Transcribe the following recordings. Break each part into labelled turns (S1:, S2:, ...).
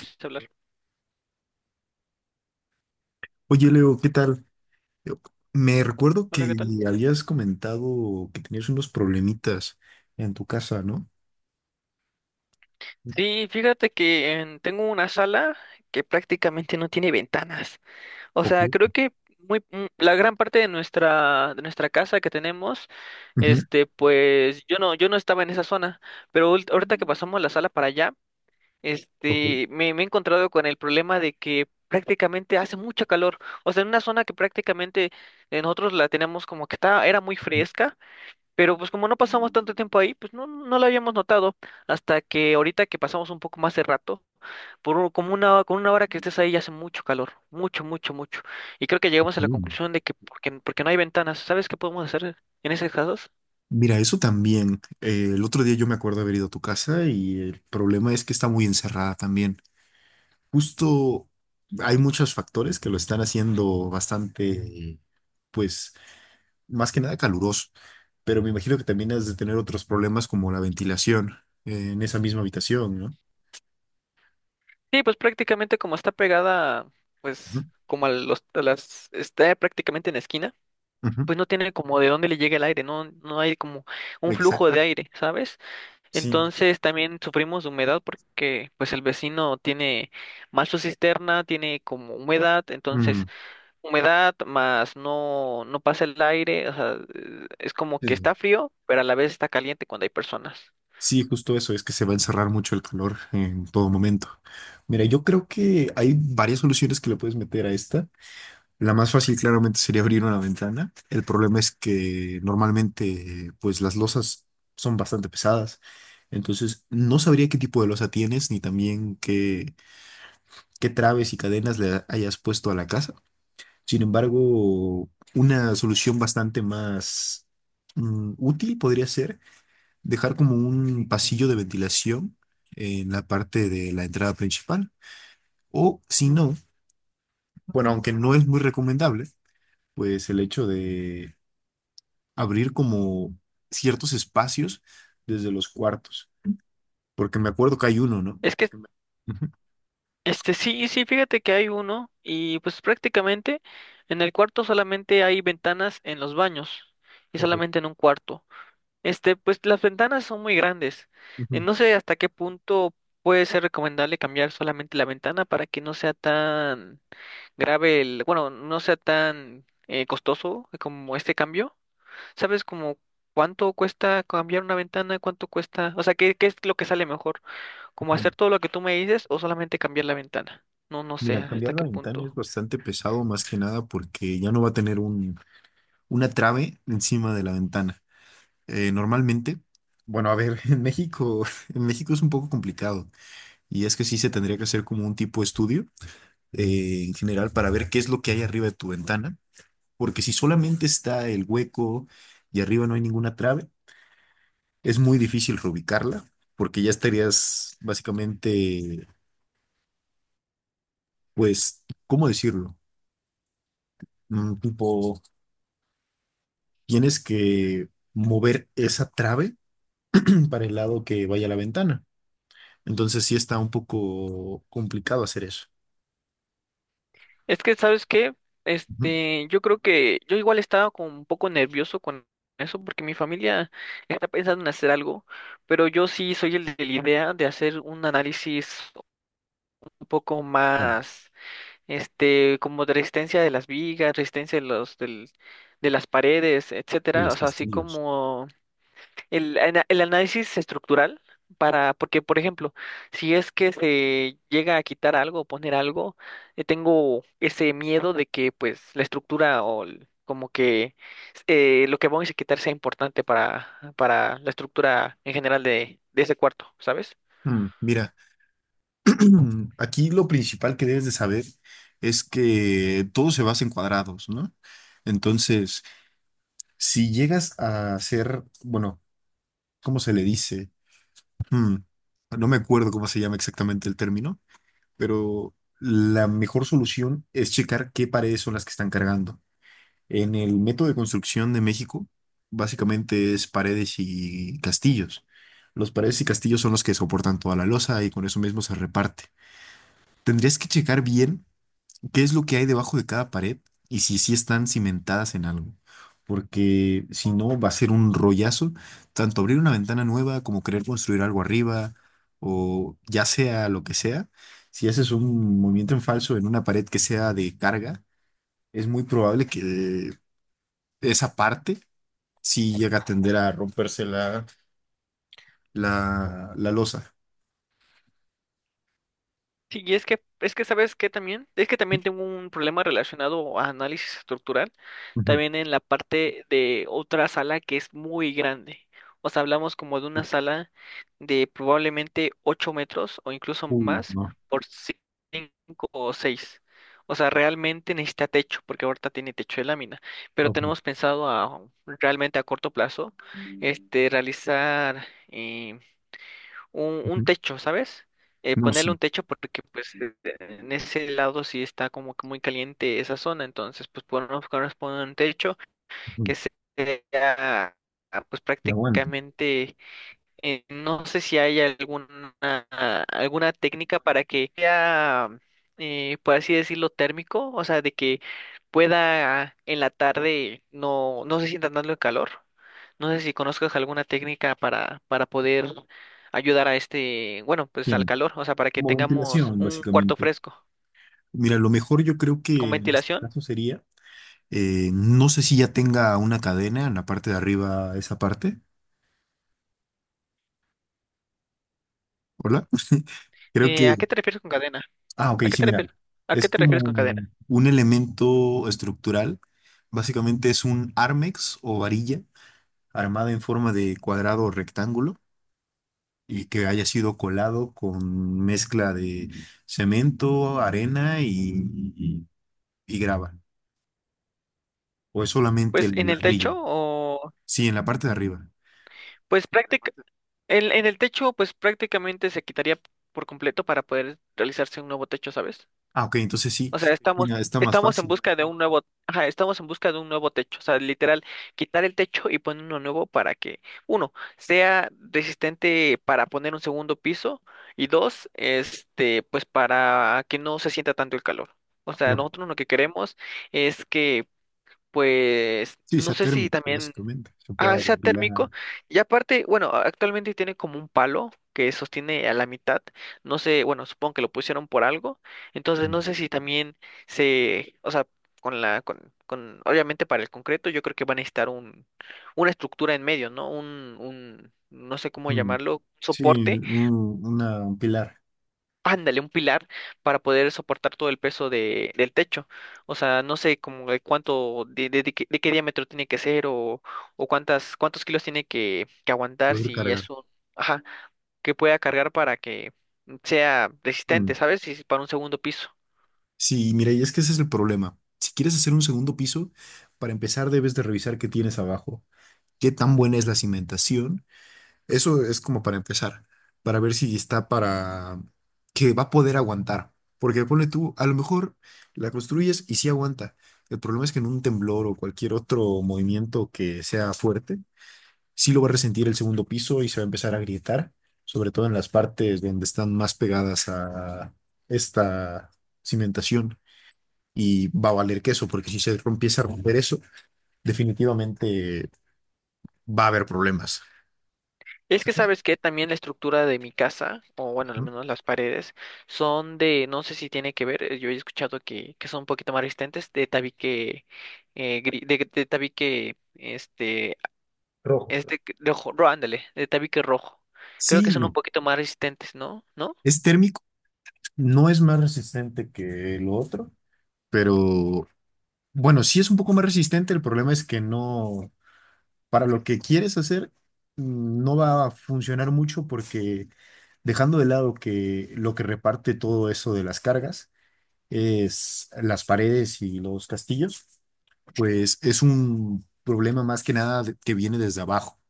S1: Empieza a hablar.
S2: Oye, Leo, ¿qué tal? Yo- Me recuerdo
S1: Hola,
S2: que
S1: ¿qué tal?
S2: habías comentado que tenías unos problemitas en tu casa, ¿no?
S1: Sí, fíjate que tengo una sala que prácticamente no tiene ventanas. O
S2: Ok,
S1: sea, creo que la gran parte de nuestra casa que tenemos,
S2: ujú,
S1: pues yo no estaba en esa zona, pero ahorita que pasamos la sala para allá,
S2: ok,
S1: me he encontrado con el problema de que prácticamente hace mucho calor. O sea, en una zona que prácticamente nosotros la tenemos como que está, era muy fresca. Pero pues como no pasamos tanto tiempo ahí, pues no lo habíamos notado hasta que ahorita que pasamos un poco más de rato, como con una hora que estés ahí ya hace mucho calor, mucho, mucho, mucho. Y creo que llegamos a la
S2: ujú.
S1: conclusión de que porque no hay ventanas. ¿Sabes qué podemos hacer en esos casos?
S2: Mira, eso también. El otro día yo me acuerdo haber ido a tu casa y el problema es que está muy encerrada también. Justo hay muchos factores que lo están haciendo bastante, pues, más que nada caluroso, pero me imagino que también has de tener otros problemas como la ventilación en esa misma habitación, ¿no?
S1: Sí, pues prácticamente como está pegada,
S2: Ujú,
S1: pues como a las, está prácticamente en la esquina,
S2: ujú.
S1: pues no tiene como de dónde le llegue el aire, no hay como un flujo de
S2: Exacto.
S1: aire, ¿sabes?
S2: Sí,
S1: Entonces también sufrimos de humedad porque pues el vecino tiene mal su cisterna, tiene como humedad,
S2: mm,
S1: entonces humedad más no pasa el aire, o sea, es como que
S2: eh,
S1: está frío, pero a la vez está caliente cuando hay personas.
S2: sí, justo eso, es que se va a encerrar mucho el calor en todo momento. Mira, yo creo que hay varias soluciones que le puedes meter a esta. La más fácil claramente sería abrir una ventana. El problema es que normalmente pues las losas son bastante pesadas. Entonces, no sabría qué tipo de losa tienes ni también qué traves y cadenas le hayas puesto a la casa. Sin embargo, una solución bastante más útil podría ser dejar como un pasillo de ventilación en la parte de la entrada principal. O si no, bueno, aunque no es muy recomendable, pues el hecho de abrir como ciertos espacios desde los cuartos, porque me acuerdo que hay uno, ¿no?
S1: Es que
S2: Ujú.
S1: este sí, sí, fíjate que hay uno y pues prácticamente en el cuarto solamente hay ventanas en los baños y
S2: Ok.
S1: solamente en un cuarto. Pues las ventanas son muy grandes.
S2: Ujú,
S1: No sé hasta qué punto puede ser recomendable cambiar solamente la ventana para que no sea tan grave bueno, no sea tan costoso como este cambio. ¿Sabes como cuánto cuesta cambiar una ventana? ¿Cuánto cuesta? O sea, ¿qué es lo que sale mejor? ¿Como
S2: ujú.
S1: hacer todo lo que tú me dices o solamente cambiar la ventana? No sé
S2: Mira, cambiar
S1: hasta
S2: la
S1: qué
S2: ventana es
S1: punto.
S2: bastante pesado, más que nada porque ya no va a tener una trave encima de la ventana. Normalmente, bueno, a ver, en México es un poco complicado. Y es que sí se tendría que hacer como un tipo de estudio en general para ver qué es lo que hay arriba de tu ventana, porque si solamente está el hueco y arriba no hay ninguna trave, es muy difícil reubicarla, porque ya estarías básicamente, pues, ¿cómo decirlo? Tipo, tienes que mover esa trave para el lado que vaya la ventana. Entonces sí está un poco complicado hacer eso.
S1: Es que, ¿sabes qué?
S2: Ujú.
S1: Yo creo que yo igual estaba como un poco nervioso con eso porque mi familia está pensando en hacer algo, pero yo sí soy el de la idea de hacer un análisis un poco
S2: Vale.
S1: más, como de resistencia de las vigas, resistencia de de las paredes,
S2: Y
S1: etcétera. O
S2: los
S1: sea, así
S2: castillos.
S1: como el análisis estructural para, porque por ejemplo, si es que se llega a quitar algo o poner algo, tengo ese miedo de que pues la estructura como que lo que vamos a quitar sea importante para la estructura en general de ese cuarto, ¿sabes?
S2: Mira. Aquí lo principal que debes de saber es que todo se basa en cuadrados, ¿no? Entonces, si llegas a hacer, bueno, ¿cómo se le dice? Hmm, no me acuerdo cómo se llama exactamente el término, pero la mejor solución es checar qué paredes son las que están cargando. En el método de construcción de México, básicamente es paredes y castillos. Los paredes y castillos son los que soportan toda la losa y con eso mismo se reparte. Tendrías que checar bien. Qué es lo que hay debajo de cada pared y si sí están cimentadas en algo. Porque si no, va a ser un rollazo, tanto abrir una ventana nueva como querer construir algo arriba o ya sea lo que sea. Si haces un movimiento en falso en una pared que sea de carga, es muy probable que esa parte sí llegue a tender a romperse la losa.
S1: Sí, es que sabes que también, es que también tengo un problema relacionado a análisis estructural, también en la parte de otra sala que es muy grande. O sea, hablamos como de una sala de probablemente 8 metros o incluso más por 5 o 6. O sea, realmente necesita techo, porque ahorita tiene techo de lámina. Pero tenemos pensado a realmente a corto plazo, realizar un
S2: Ujú.
S1: techo, ¿sabes?
S2: No,
S1: Ponerle
S2: sí,
S1: un techo porque pues en ese lado sí está como que muy caliente esa zona, entonces pues podemos poner un techo
S2: uy,
S1: que sea pues
S2: que aguante.
S1: prácticamente no sé si hay alguna técnica para que sea, por así decirlo, térmico, o sea, de que pueda en la tarde no se sienta tanto el calor. No sé si conozcas alguna técnica para poder ayudar a bueno, pues al
S2: Tiene
S1: calor, o sea, para que
S2: como
S1: tengamos
S2: ventilación,
S1: un cuarto
S2: básicamente.
S1: fresco
S2: Mira, lo mejor yo creo
S1: con
S2: que en este
S1: ventilación.
S2: caso sería, no sé si ya tenga una cadena en la parte de arriba, esa parte. Hola. Creo que,
S1: ¿A qué te refieres con cadena?
S2: ah, ok,
S1: ¿A qué
S2: sí,
S1: te refieres?
S2: mira,
S1: ¿A
S2: es
S1: qué te
S2: como
S1: refieres con cadena?
S2: un elemento estructural. Básicamente es un armex o varilla armada en forma de cuadrado o rectángulo y que haya sido colado con mezcla de cemento, arena y- y grava. O es solamente
S1: Pues
S2: el
S1: en el techo.
S2: ladrillo. Sí, en la parte de arriba.
S1: Pues práctica, en el techo, pues prácticamente se quitaría por completo para poder realizarse un nuevo techo, ¿sabes?
S2: Ah, ok, entonces sí,
S1: O sea, estamos,
S2: venga, está más
S1: estamos en
S2: fácil.
S1: busca de un nuevo, ajá, estamos en busca de un nuevo techo. O sea, literal, quitar el techo y poner uno nuevo para que, uno, sea resistente para poner un segundo piso, y dos, pues para que no se sienta tanto el calor. O sea,
S2: Mira,
S1: nosotros lo que queremos es que, pues,
S2: sí,
S1: no
S2: sea
S1: sé si
S2: térmico,
S1: también.
S2: básicamente. Se
S1: Ah,
S2: puede
S1: sea térmico.
S2: apilar.
S1: Y aparte, bueno, actualmente tiene como un palo que sostiene a la mitad. No sé, bueno, supongo que lo pusieron por algo. Entonces,
S2: mm,
S1: no sé si también o sea, con la, con, obviamente para el concreto, yo creo que van a necesitar una estructura en medio, ¿no? No sé cómo
S2: mm,
S1: llamarlo,
S2: Sí,
S1: soporte.
S2: un pilar.
S1: Ándale, un pilar para poder soportar todo el peso del techo. O sea, no sé como de cuánto, de qué diámetro tiene que ser o cuántos kilos tiene que aguantar
S2: Puede
S1: si
S2: cargar.
S1: es un, ajá, que pueda cargar para que sea
S2: Mm.
S1: resistente, ¿sabes? Si es para un segundo piso.
S2: Sí, mira, y es que ese es el problema. Si quieres hacer un segundo piso, para empezar debes de revisar qué tienes abajo, qué tan buena es la cimentación. Eso es como para empezar, para ver si está para que va a poder aguantar. Porque ponle tú, a lo mejor la construyes y sí aguanta. El problema es que en un temblor o cualquier otro movimiento que sea fuerte, sí lo va a resentir el segundo piso y se va a empezar a grietar, sobre todo en las partes donde están más pegadas a esta cimentación. Y va a valer queso, porque si se empieza a romper eso, definitivamente va a haber problemas,
S1: Es que
S2: ¿sabes?
S1: sabes que también la estructura de mi casa, o bueno, al
S2: Ujú.
S1: menos las paredes, son de, no sé si tiene que ver, yo he escuchado que son un poquito más resistentes, de tabique, de tabique,
S2: Rojo.
S1: es de, ándale, de tabique rojo. Creo que
S2: Sí,
S1: son un
S2: no.
S1: poquito más resistentes, ¿no? ¿No?
S2: Es térmico, no es más resistente que lo otro, pero bueno, sí es un poco más resistente. El problema es que no, para lo que quieres hacer, no va a funcionar mucho porque dejando de lado que lo que reparte todo eso de las cargas es las paredes y los castillos, pues es un problema más que nada que viene desde abajo.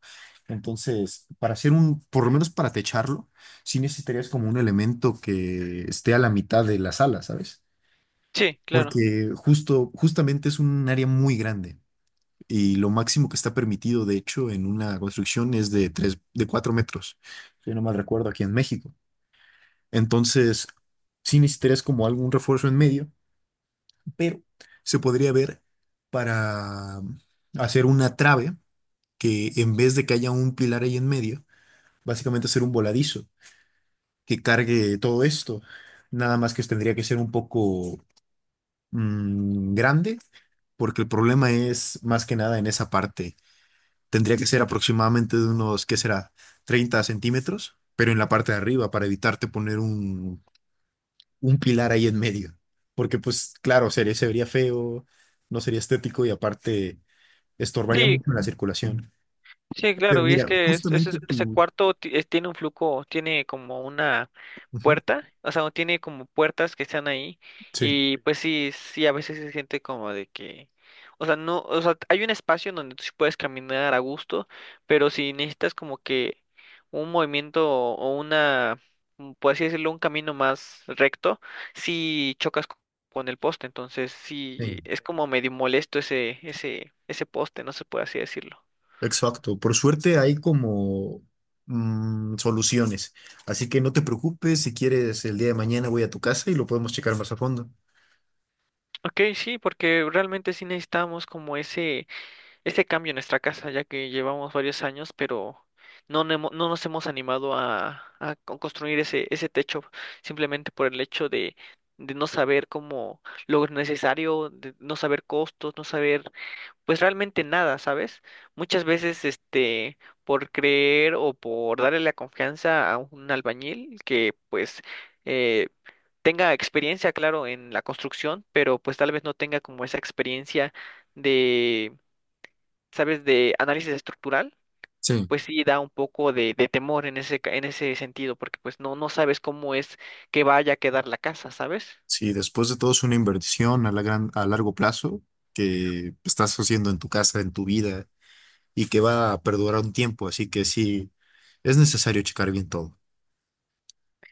S2: Entonces, para hacer un, por lo menos para techarlo, sí necesitarías como un elemento que esté a la mitad de la sala, ¿sabes?
S1: Sí, claro.
S2: Porque justamente es un área muy grande y lo máximo que está permitido, de hecho, en una construcción es de tres, de 4 metros, si no mal recuerdo, aquí en México. Entonces, sí necesitarías como algún refuerzo en medio, pero se podría ver para hacer una trave que en vez de que haya un pilar ahí en medio, básicamente hacer un voladizo que cargue todo esto. Nada más que tendría que ser un poco grande, porque el problema es más que nada en esa parte. Tendría que ser aproximadamente de unos, ¿qué será? 30 centímetros, pero en la parte de arriba para evitarte poner un pilar ahí en medio. Porque pues claro, sería, se vería feo, no sería estético y aparte estorbaría
S1: Sí,
S2: mucho la circulación.
S1: sí,
S2: Pero
S1: claro. Y es
S2: mira,
S1: que
S2: justamente
S1: ese
S2: tú...
S1: cuarto tiene un flujo, tiene como una
S2: Ujú.
S1: puerta, o sea, no tiene como puertas que están ahí y pues sí, sí, a veces se siente como de que, o sea, no, o sea, hay un espacio en donde tú sí puedes caminar a gusto, pero si necesitas como que un movimiento o una, mm, por así decirlo, un camino más recto, si con el poste, entonces sí,
S2: Sí.
S1: es como medio molesto ese poste, no se puede así decirlo.
S2: Exacto, por suerte hay como soluciones, así que no te preocupes, si quieres el día de mañana voy a tu casa y lo podemos checar más a fondo.
S1: Ok, sí, porque realmente sí necesitamos como ese este cambio en nuestra casa, ya que llevamos varios años, pero no nos hemos animado construir ese techo, simplemente por el hecho de no saber cómo lo necesario, de no saber costos, no saber, pues realmente nada, ¿sabes? Muchas veces, por creer o por darle la confianza a un albañil que, pues, eh, tenga experiencia, claro, en la construcción, pero pues tal vez no tenga como esa experiencia de, ¿sabes? De análisis estructural,
S2: Sí,
S1: pues sí da un poco de temor en en ese sentido, porque pues no sabes cómo es que vaya a quedar la casa, ¿sabes?
S2: sí, después de todo es una inversión a a largo plazo que estás haciendo en tu casa, en tu vida y que va a perdurar un tiempo, así que sí, es necesario checar bien todo.